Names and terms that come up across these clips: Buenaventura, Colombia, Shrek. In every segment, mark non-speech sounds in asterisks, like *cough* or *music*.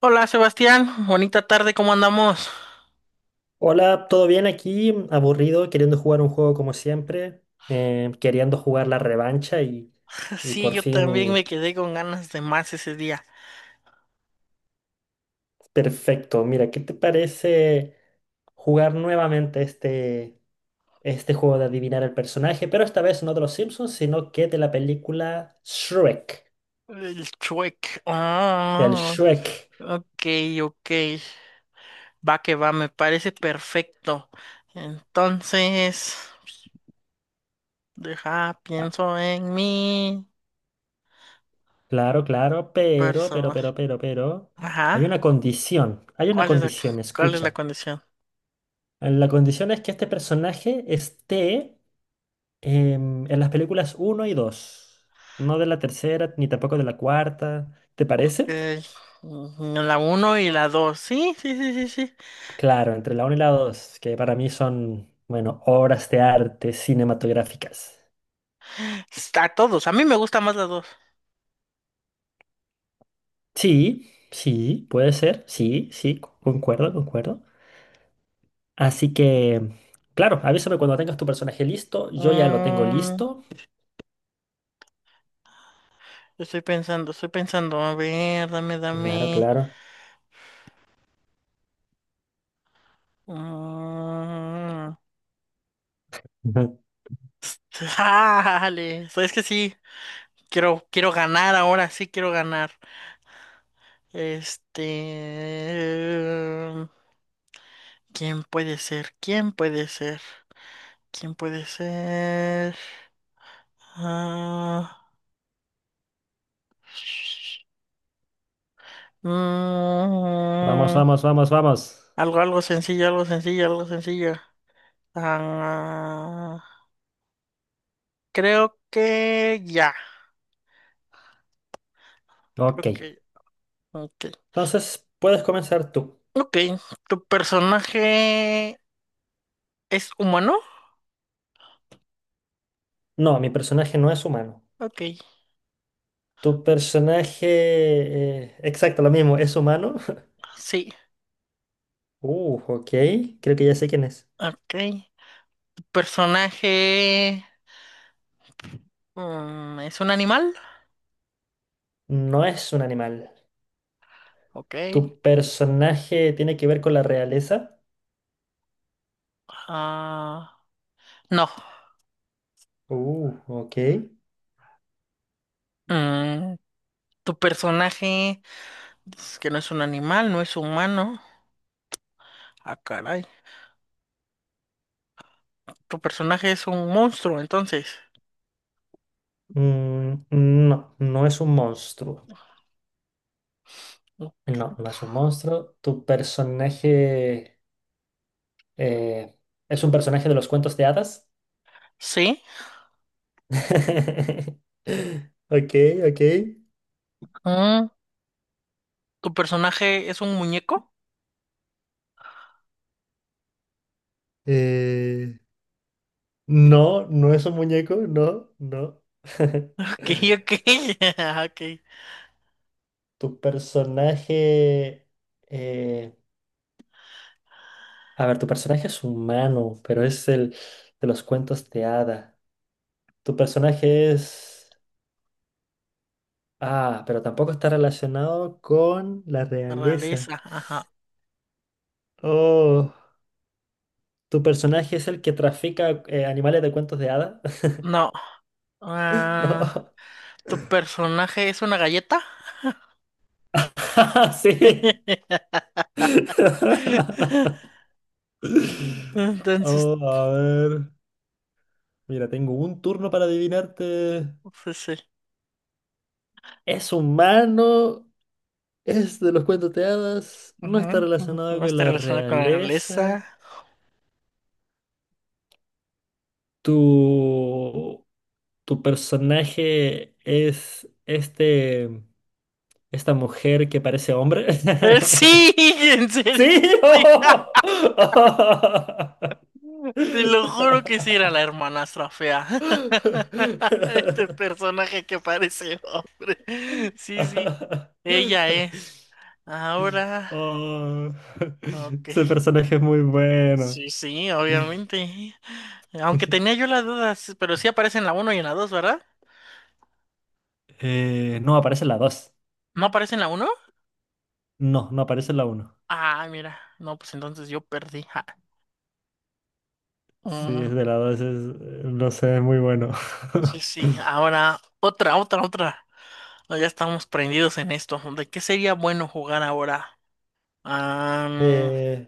Hola Sebastián, bonita tarde, ¿cómo andamos? Hola, ¿todo bien aquí? Aburrido, queriendo jugar un juego como siempre, queriendo jugar la revancha y, *laughs* y Sí, por yo también fin, me quedé con ganas de más ese día. perfecto. Mira, ¿qué te parece jugar nuevamente este juego de adivinar el personaje? Pero esta vez no de los Simpsons, sino que de la película Shrek, El chuec. del Shrek. Ok, ok. Va que va, me parece perfecto. Entonces, deja, Ah, pienso en mi claro, claro, pero, pero, persona. pero, pero, pero, Ajá. Hay una ¿Cuál es condición, cuál es la escucha. condición? La condición es que este personaje esté en las películas uno y 2, no de la tercera ni tampoco de la cuarta, ¿te parece? Eh, la uno y la dos. Sí, sí, sí, sí, sí. Claro, entre la uno y la 2, que para mí son, bueno, obras de arte cinematográficas. Está a todos. A mí me gusta más la dos. Sí, sí, puede ser, sí, sí, concuerdo, concuerdo. Así que, claro, avísame cuando tengas tu personaje listo, yo ya lo tengo Mm, listo. Yo estoy pensando, a ver, dame, Claro, dame. claro. Mm, Ujú. *laughs* Dale, sabes que sí, quiero ganar ahora, sí quiero ganar. Este, ¿quién puede ser? ¿Quién puede ser? ¿Quién puede ser? Ah, Vamos, mm, vamos, vamos, vamos. algo, algo sencillo, algo sencillo, algo sencillo. Ah, creo que ya, Ok, creo que ya. Ok. entonces puedes comenzar tú. Ok, ¿tu personaje es humano? No, mi personaje no es humano. Ok, ¿Tu personaje, exacto, lo mismo, es humano? *laughs* sí. Ok, creo que ya sé quién es. Ok, ¿tu personaje es un animal? No es un animal. Ok. ¿Tu personaje tiene que ver con la realeza? Ah, no. Ok. Mm, ¿Tu personaje es que no es un animal, no es humano? Ah, caray. ¿Tu personaje es un monstruo, entonces? Mm, no, no es un monstruo. No, no es un monstruo. ¿Tu personaje, eh, es un personaje de los cuentos de hadas? Sí. *laughs* Ok, ok. Mm, ¿Tu personaje es un muñeco? Eh, no, no es un muñeco, no, no. *laughs* Ok, ok. *laughs* Ok. Tu personaje... eh, a ver, tu personaje es humano, pero es el de los cuentos de hada. Tu personaje... es... Ah, pero tampoco está relacionado con la realeza. Realeza, ajá. Oh, ¿tu personaje es el que trafica animales de cuentos de hada? *laughs* No. Ah, No. ¿tu personaje es una galleta? *laughs* Sí. *laughs* *laughs* Entonces, Oh, a ver. Mira, tengo un turno para adivinarte. pues sí. ¿Es humano? Es de los cuentos de hadas, no está Ujú, ujú. relacionado No con está la relacionado con la nobleza. realeza. Eh, Tu, tu personaje es esta mujer que parece hombre. sí, *laughs* en *laughs* serio. ¡Sí! Sí, *laughs* te lo juro que sí era la hermanastra fea. *laughs* *laughs* Este personaje que parece hombre. Sí, sí, ella es. Ahora, Oh, ok. ese personaje es muy bueno. Sí, sí, *laughs* obviamente. Aunque tenía yo las dudas, pero sí aparece en la uno y en la 2, ¿verdad? No, aparece la dos. ¿No aparece en la uno? No, no aparece la uno. Ah, mira. No, pues entonces yo perdí. Ja. Sí, Mm, es de la dos. No sé, es muy bueno. sí, *laughs* sí. Ahora, otra, otra, otra. No, ya estamos prendidos en esto. ¿De qué sería bueno jugar ahora? Ah, Eh,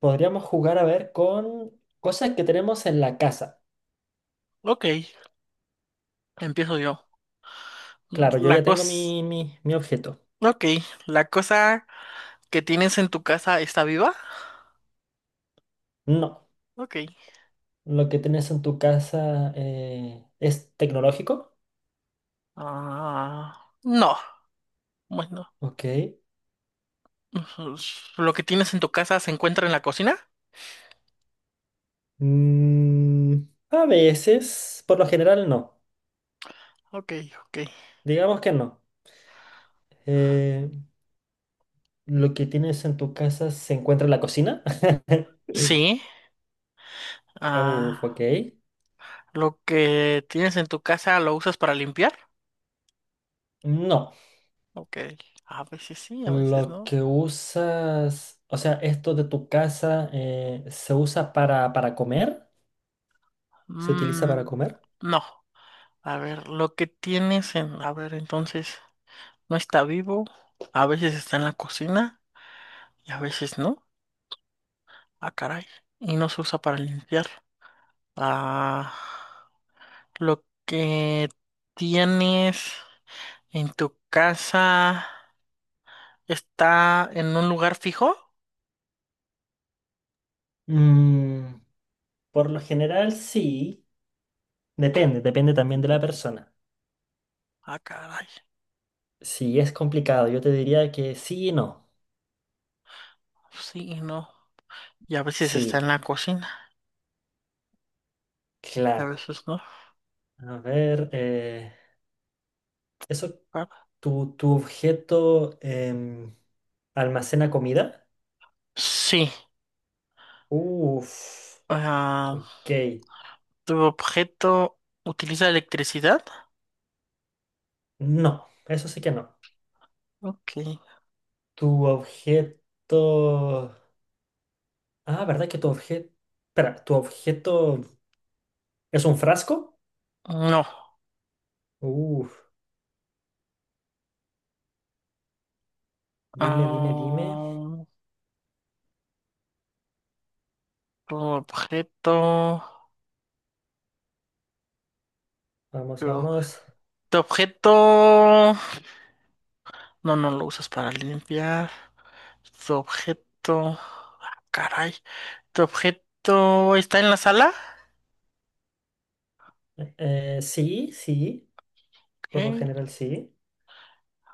podríamos jugar a ver con cosas que tenemos en la casa. ok, empiezo yo. Claro, yo La ya tengo cosa. mi objeto. Ok, la cosa que tienes en tu casa está viva. No, Ok. lo que tienes en tu casa es tecnológico. Ah, no. Bueno, Ok. *laughs* lo que tienes en tu casa se encuentra en la cocina. Mm, a veces, por lo general no. Ok, ok. Digamos que no. Eh, lo que tienes en tu casa se encuentra en la cocina. *laughs* Sí. Uf, ok. Ah, lo que tienes en tu casa lo usas para limpiar. No, Ok, a veces sí, a veces lo no. que usas, o sea, esto de tu casa se usa para comer, se utiliza Mm, para comer. no, a ver, lo que tienes a ver, entonces, no está vivo, a veces está en la cocina y a veces no. Ah, caray, y no se usa para limpiar. Ah, lo que tienes en tu casa está en un lugar fijo. Mm, por lo general, sí, depende, depende también de la persona. Ah, caray, Si es complicado, yo te diría que sí y no. sí y no. Y a veces está en Sí, la cocina, y a claro. veces no. A ver, eso, Ah, tu objeto almacena comida. sí. Uf, ah, ok. ¿tu objeto utiliza electricidad? No, eso sí que no. Ok. Tu objeto. Ah, ¿verdad que tu objeto. Espera, ¿tu objeto es un frasco? No. Uf, dime, dime, dime. Ah, tu objeto. Vamos, Tu ob- vamos. Tu objeto. No, no lo usas para limpiar. Tu objeto. Ah, caray. ¿Tu objeto está en la sala? Sí, sí, Ok. por lo general sí.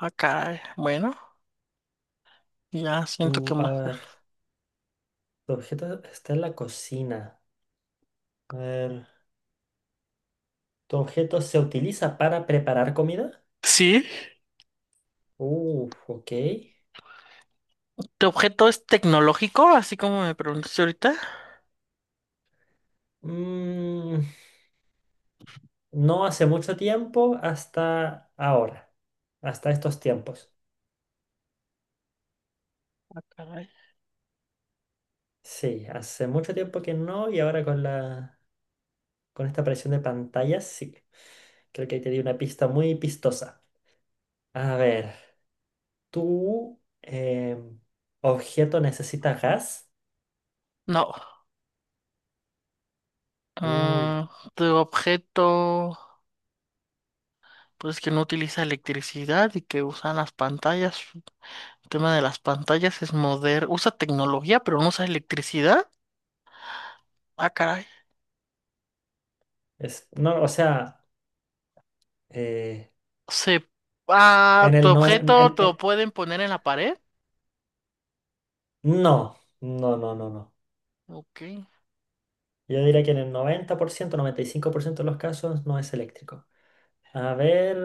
Ah, caray. Bueno, ya siento que A más. ver, tu objeto está en la cocina. A ver, ¿tu objeto se utiliza para preparar comida? Sí. Uf, ok. ¿Tu objeto es tecnológico? Así como me preguntaste ahorita. Mm, no hace mucho tiempo hasta ahora, hasta estos tiempos. Caray. Sí, hace mucho tiempo que no y ahora con esta aparición de pantallas, sí. Creo que ahí te di una pista muy pistosa. A ver, ¿tu objeto necesita gas? No. Uy, Ah, tu objeto. Pues que no utiliza electricidad y que usan las pantallas. El tema de las pantallas es moderno. Usa tecnología, pero no usa electricidad. Ah, caray. No, o sea, eh, Se... Ah, en tu el no, objeto te lo en- pueden poner en la pared. no, no, no, no, no. Ok. Yo diría que en el noventa por ciento, 95% de los casos no es eléctrico. A ver.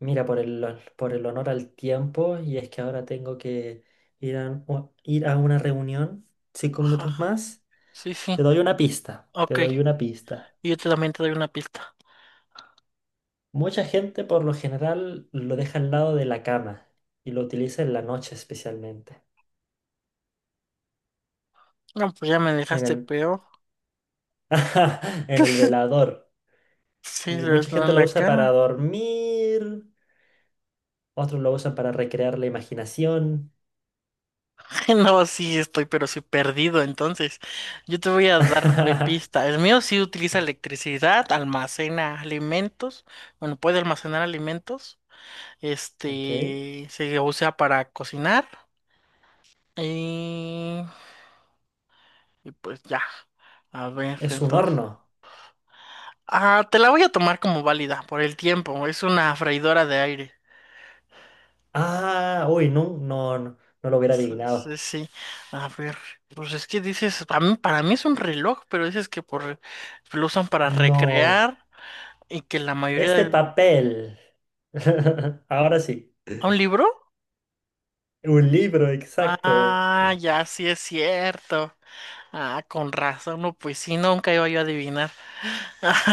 Mira, por el honor al tiempo, y es que ahora tengo que ir ir a una reunión cinco Ajá. minutos más. Sí, sí. Te doy una pista, te Ok. doy una pista. Y también te doy una pista. Mucha gente por lo general lo deja al lado de la cama y lo utiliza en la noche especialmente, No, pues ya me en dejaste el, peor. *laughs* en el velador. Sí, Y les mucha doy gente en lo la usa para cara. dormir, otros lo usan para recrear la imaginación. *laughs* No, sí, estoy, pero sí perdido. Entonces, yo te voy a dar mi pista. *laughs* El mío sí utiliza electricidad, almacena alimentos. Bueno, puede almacenar alimentos. Ok, Este, se usa para cocinar. Y, y pues ya. A ver, es un entonces. horno. Ah, te la voy a tomar como válida por el tiempo. Es una freidora de aire. Ah, uy, no, no, no, no lo hubiera Sí, sí, adivinado. sí. A ver, pues es que dices, para mí es un reloj, pero dices que por, lo usan para No, recrear. Y que la mayoría es de de... papel. *laughs* Ahora sí, ¿A un libro? un libro, exacto. Ah, ya sí es cierto. Ah, con razón, no, pues sí, nunca iba yo a adivinar.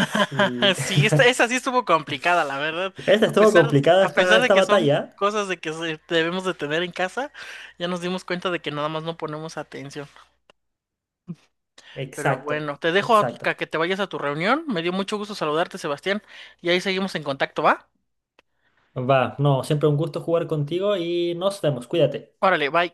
Sí. Sí, esta, esa sí estuvo complicada, la verdad. *laughs* Esta A estuvo pesar, complicada a esta, pesar de esta que son batalla. cosas de debemos de tener en casa, ya nos dimos cuenta de que nada más no ponemos atención. Pero Exacto, bueno, te dejo a exacto. Otica, que te vayas a tu reunión. Me dio mucho gusto saludarte, Sebastián. Y ahí seguimos en contacto, ¿va? Va, no, siempre un gusto jugar contigo y nos vemos, cuídate. Órale, bye.